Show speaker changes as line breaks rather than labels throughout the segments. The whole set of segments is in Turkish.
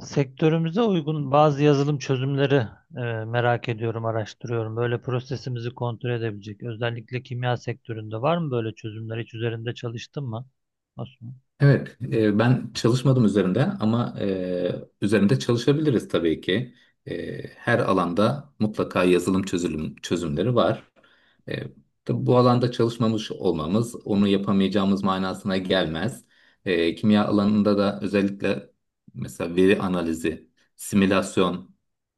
Sektörümüze uygun bazı yazılım çözümleri merak ediyorum, araştırıyorum. Böyle prosesimizi kontrol edebilecek. Özellikle kimya sektöründe var mı böyle çözümler? Hiç üzerinde çalıştın mı? Osman?
Evet, ben çalışmadım üzerinde ama üzerinde çalışabiliriz tabii ki. Her alanda mutlaka yazılım çözümleri var. E, tabii bu alanda çalışmamış olmamız onu yapamayacağımız manasına gelmez. Kimya alanında da özellikle mesela veri analizi, simülasyon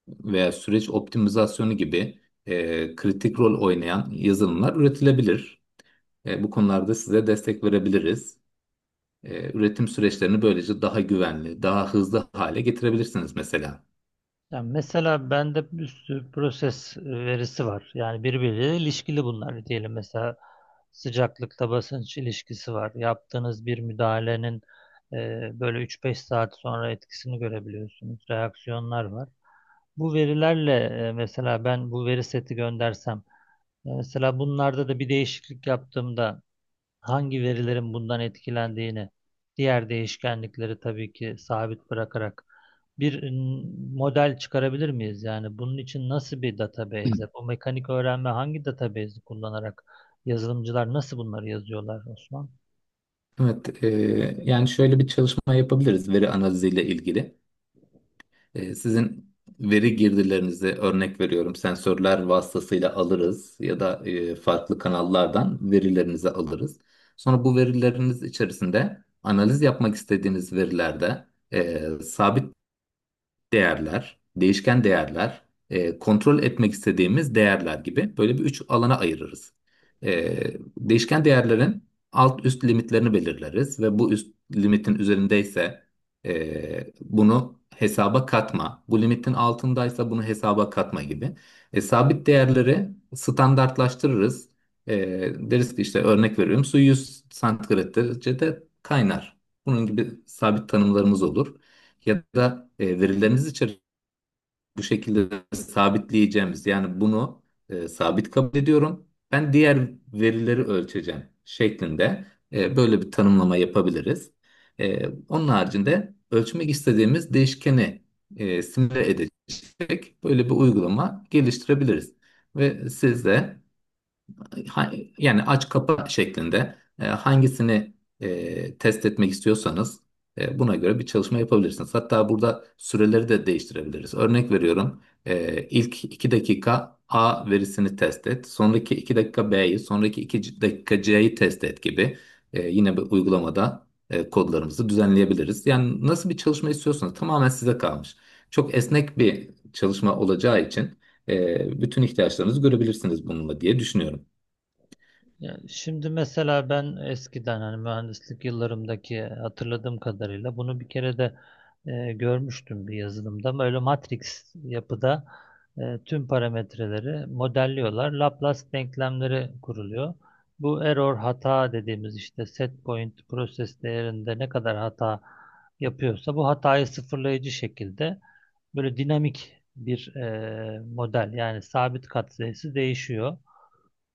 veya süreç optimizasyonu gibi kritik rol oynayan yazılımlar üretilebilir. Bu konularda size destek verebiliriz. Üretim süreçlerini böylece daha güvenli, daha hızlı hale getirebilirsiniz mesela.
Yani mesela bende bir sürü proses verisi var. Yani birbiriyle ilişkili bunlar diyelim. Mesela sıcaklıkta basınç ilişkisi var. Yaptığınız bir müdahalenin e, böyle 3-5 saat sonra etkisini görebiliyorsunuz. Reaksiyonlar var. Bu verilerle mesela ben bu veri seti göndersem, mesela bunlarda da bir değişiklik yaptığımda hangi verilerin bundan etkilendiğini, diğer değişkenlikleri tabii ki sabit bırakarak bir m, model çıkarabilir miyiz? Yani bunun için nasıl bir
Hı.
database, bu mekanik öğrenme hangi database'i kullanarak yazılımcılar nasıl bunları yazıyorlar Osman?
Evet, yani şöyle bir çalışma yapabiliriz veri analiziyle ilgili. Sizin veri girdilerinizi örnek veriyorum sensörler vasıtasıyla alırız ya da farklı kanallardan verilerinizi alırız. Sonra bu verileriniz içerisinde analiz yapmak istediğiniz verilerde sabit değerler, değişken değerler, kontrol etmek istediğimiz değerler gibi böyle bir üç alana ayırırız. E, Değişken değerlerin alt üst limitlerini belirleriz ve bu üst limitin üzerindeyse bunu hesaba katma, bu limitin altındaysa bunu hesaba katma gibi. Sabit değerleri standartlaştırırız. E, Deriz ki işte örnek veriyorum su 100 santigrat derecede kaynar. Bunun gibi sabit tanımlarımız olur ya da verileriniz içerisinde bu şekilde sabitleyeceğimiz yani bunu sabit kabul ediyorum. Ben diğer verileri ölçeceğim şeklinde böyle bir tanımlama yapabiliriz. Onun haricinde ölçmek istediğimiz değişkeni simüle edecek böyle bir uygulama geliştirebiliriz. Ve siz de ha- yani aç kapa şeklinde hangisini test etmek istiyorsanız buna göre bir çalışma yapabilirsiniz. Hatta burada süreleri de değiştirebiliriz. Örnek veriyorum. İlk 2 dakika A verisini test et. Sonraki 2 dakika B'yi, sonraki 2 dakika C'yi test et gibi. Yine bir uygulamada kodlarımızı düzenleyebiliriz. Yani nasıl bir çalışma istiyorsanız tamamen size kalmış. Çok esnek bir çalışma olacağı için bütün ihtiyaçlarınızı görebilirsiniz bununla diye düşünüyorum.
Yani şimdi mesela ben eskiden hani mühendislik yıllarımdaki hatırladığım kadarıyla bunu bir kere de görmüştüm bir yazılımda. Böyle matris yapıda tüm parametreleri modelliyorlar. Laplace denklemleri kuruluyor. Bu error hata dediğimiz işte set point proses değerinde ne kadar hata yapıyorsa bu hatayı sıfırlayıcı şekilde böyle dinamik bir model, yani sabit katsayısı değişiyor,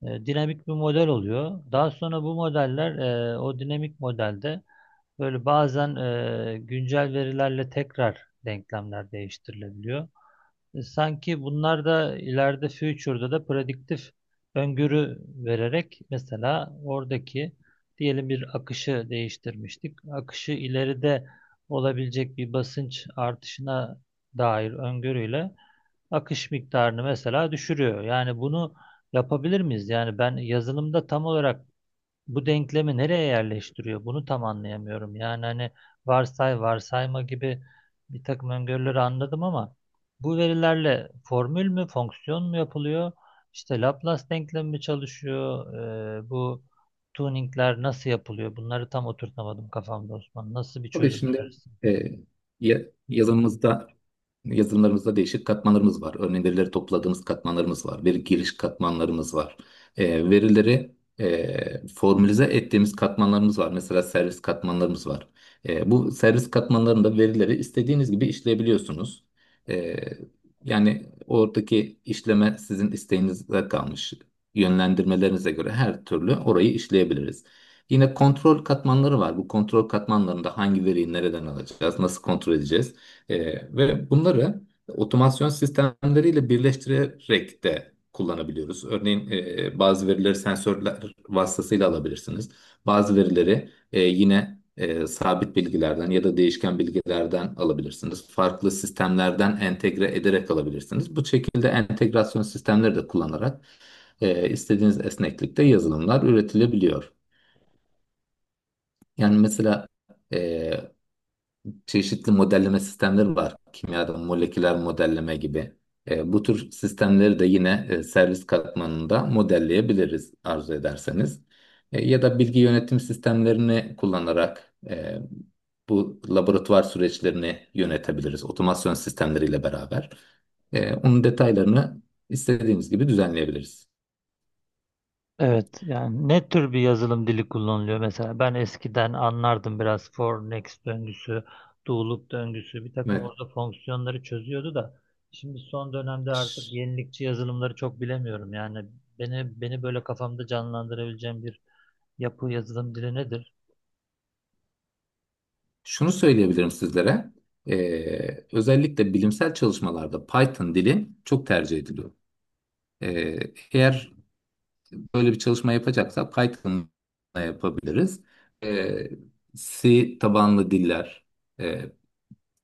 dinamik bir model oluyor. Daha sonra bu modeller o dinamik modelde böyle bazen güncel verilerle tekrar denklemler değiştirilebiliyor. Sanki bunlar da ileride future'da da prediktif öngörü vererek mesela oradaki diyelim bir akışı değiştirmiştik. Akışı ileride olabilecek bir basınç artışına dair öngörüyle akış miktarını mesela düşürüyor. Yani bunu yapabilir miyiz? Yani ben yazılımda tam olarak bu denklemi nereye yerleştiriyor? Bunu tam anlayamıyorum. Yani hani varsayma gibi bir takım öngörüleri anladım ama bu verilerle formül mü, fonksiyon mu yapılıyor? İşte Laplace denklemi mi çalışıyor? Bu tuningler nasıl yapılıyor? Bunları tam oturtamadım kafamda Osman. Nasıl bir
Tabii
çözüm
şimdi
önerirsin?
e, ya- yazımızda yazılımlarımızda değişik katmanlarımız var. Örneğin verileri topladığımız katmanlarımız var. Veri giriş katmanlarımız var. Verileri formülize ettiğimiz katmanlarımız var. Mesela servis katmanlarımız var. Bu servis katmanlarında verileri istediğiniz gibi işleyebiliyorsunuz. E, Yani oradaki işleme sizin isteğinize kalmış. Yönlendirmelerinize göre her türlü orayı işleyebiliriz. Yine kontrol katmanları var. Bu kontrol katmanlarında hangi veriyi nereden alacağız, nasıl kontrol edeceğiz? Ve bunları otomasyon sistemleriyle birleştirerek de kullanabiliyoruz. Örneğin bazı verileri sensörler vasıtasıyla alabilirsiniz. Bazı verileri yine sabit bilgilerden ya da değişken bilgilerden alabilirsiniz. Farklı sistemlerden entegre ederek alabilirsiniz. Bu şekilde entegrasyon sistemleri de kullanarak istediğiniz esneklikte yazılımlar üretilebiliyor. Yani mesela e, çeşitli modelleme sistemleri var. Kimyada moleküler modelleme gibi. Bu tür sistemleri de yine servis katmanında modelleyebiliriz arzu ederseniz. Ya da bilgi yönetim sistemlerini kullanarak bu laboratuvar süreçlerini yönetebiliriz. Otomasyon sistemleriyle beraber. Onun detaylarını istediğimiz gibi düzenleyebiliriz.
Evet, yani ne tür bir yazılım dili kullanılıyor mesela? Ben eskiden anlardım biraz for next döngüsü, do loop döngüsü, bir takım
Evet.
orada fonksiyonları çözüyordu da şimdi son dönemde artık
Ş-
yenilikçi yazılımları çok bilemiyorum. Yani beni böyle kafamda canlandırabileceğim bir yapı yazılım dili nedir?
Şunu söyleyebilirim sizlere. Özellikle bilimsel çalışmalarda Python dili çok tercih ediliyor. Ee, Eğer böyle bir çalışma yapacaksak Python'la yapabiliriz. Ee, C tabanlı diller, e,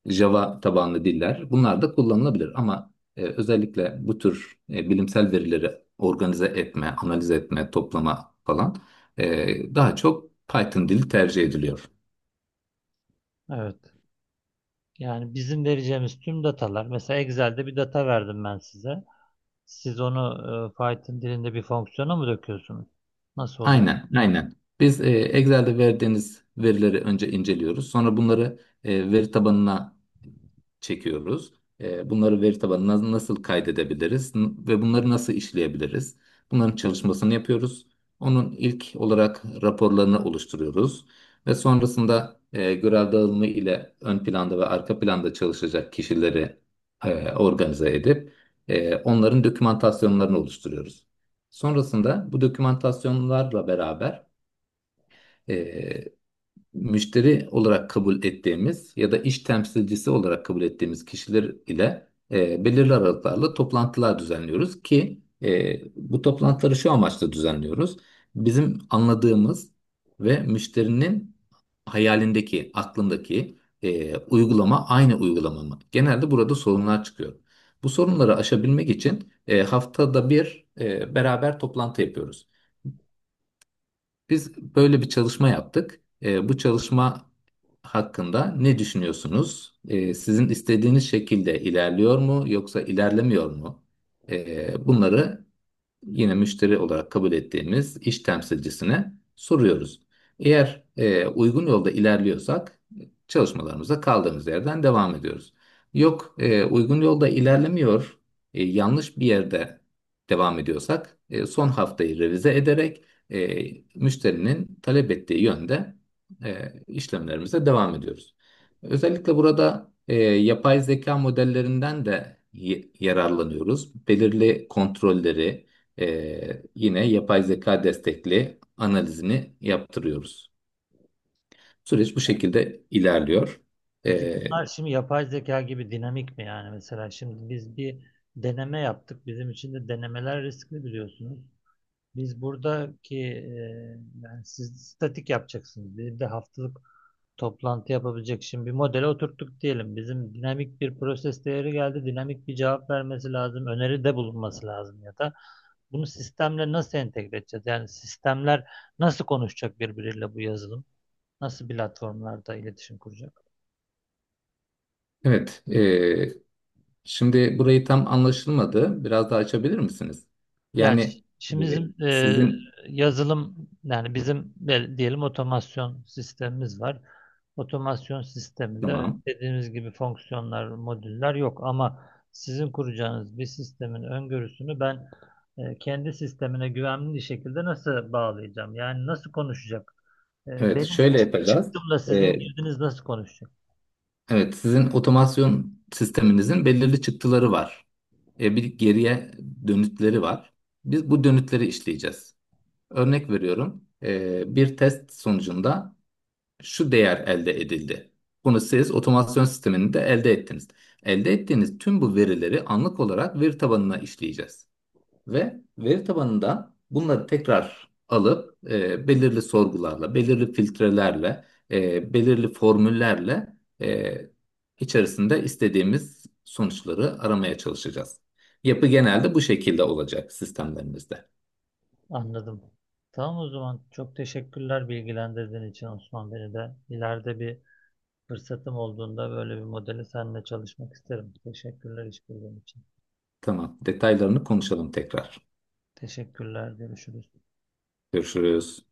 Java tabanlı diller bunlar da kullanılabilir. Ama özellikle bu tür bilimsel verileri organize etme, analiz etme, toplama falan daha çok Python dili tercih ediliyor.
Evet. Yani bizim vereceğimiz tüm datalar, mesela Excel'de bir data verdim ben size. Siz onu Python dilinde bir fonksiyona mı döküyorsunuz? Nasıl oluyor?
Aynen, aynen. Biz Excel'de verdiğiniz verileri önce inceliyoruz. Sonra bunları veri tabanına çekiyoruz. Bunları veri tabanına nasıl kaydedebiliriz ve bunları nasıl işleyebiliriz? Bunların çalışmasını yapıyoruz. Onun ilk olarak raporlarını oluşturuyoruz ve sonrasında görev dağılımı ile ön planda ve arka planda çalışacak kişileri organize edip onların dokümantasyonlarını oluşturuyoruz. Sonrasında bu dokümantasyonlarla beraber müşteri olarak kabul ettiğimiz ya da iş temsilcisi olarak kabul ettiğimiz kişiler ile belirli aralıklarla toplantılar düzenliyoruz ki bu toplantıları şu amaçla düzenliyoruz. Bizim anladığımız ve müşterinin hayalindeki, aklındaki uygulama aynı uygulama mı? Genelde burada sorunlar çıkıyor. Bu sorunları aşabilmek için haftada bir beraber toplantı yapıyoruz. Biz böyle bir çalışma yaptık. Bu çalışma hakkında ne düşünüyorsunuz? Sizin istediğiniz şekilde ilerliyor mu yoksa ilerlemiyor mu? Bunları yine müşteri olarak kabul ettiğimiz iş temsilcisine soruyoruz. Eğer uygun yolda ilerliyorsak çalışmalarımıza kaldığımız yerden devam ediyoruz. Yok uygun yolda ilerlemiyor, yanlış bir yerde devam ediyorsak son haftayı revize ederek e, müşterinin talep ettiği yönde e, işlemlerimize devam ediyoruz. Özellikle burada yapay zeka modellerinden de yararlanıyoruz. Belirli kontrolleri, yine yapay zeka destekli analizini yaptırıyoruz. Süreç bu şekilde ilerliyor.
Peki
Ee,
bunlar şimdi yapay zeka gibi dinamik mi, yani mesela şimdi biz bir deneme yaptık. Bizim için de denemeler riskli biliyorsunuz. Biz buradaki yani siz statik yapacaksınız. Bir de haftalık toplantı yapabilecek şimdi bir modele oturttuk diyelim. Bizim dinamik bir proses değeri geldi. Dinamik bir cevap vermesi lazım. Öneride bulunması lazım ya da bunu sistemle nasıl entegre edeceğiz? Yani sistemler nasıl konuşacak birbiriyle bu yazılım? Nasıl platformlarda iletişim kuracak?
evet, şimdi burayı tam anlaşılmadı. Biraz daha açabilir misiniz? Yani e,
Şimdi bizim
sizin
yazılım, yani bizim diyelim otomasyon sistemimiz var. Otomasyon sisteminde
tamam.
dediğimiz gibi fonksiyonlar, modüller yok ama sizin kuracağınız bir sistemin öngörüsünü ben kendi sistemine güvenli şekilde nasıl bağlayacağım? Yani nasıl konuşacak?
Evet,
Benim
şöyle yapacağız.
çıktımla
Ee,
sizin girdiniz nasıl konuşacak?
evet, sizin otomasyon sisteminizin belirli çıktıları var. Bir geriye dönütleri var. Biz bu dönütleri işleyeceğiz. Örnek veriyorum. Bir test sonucunda şu değer elde edildi. Bunu siz otomasyon sisteminde elde ettiniz. Elde ettiğiniz tüm bu verileri anlık olarak veri tabanına işleyeceğiz. Ve veri tabanında bunları tekrar alıp belirli sorgularla, belirli filtrelerle, belirli formüllerle e, içerisinde istediğimiz sonuçları aramaya çalışacağız. Yapı genelde bu şekilde olacak sistemlerimizde.
Anladım. Tamam, o zaman çok teşekkürler bilgilendirdiğin için Osman, beni de. İleride bir fırsatım olduğunda böyle bir modeli seninle çalışmak isterim. Teşekkürler işbirliğin için.
Tamam, detaylarını konuşalım tekrar.
Teşekkürler. Görüşürüz.
Görüşürüz.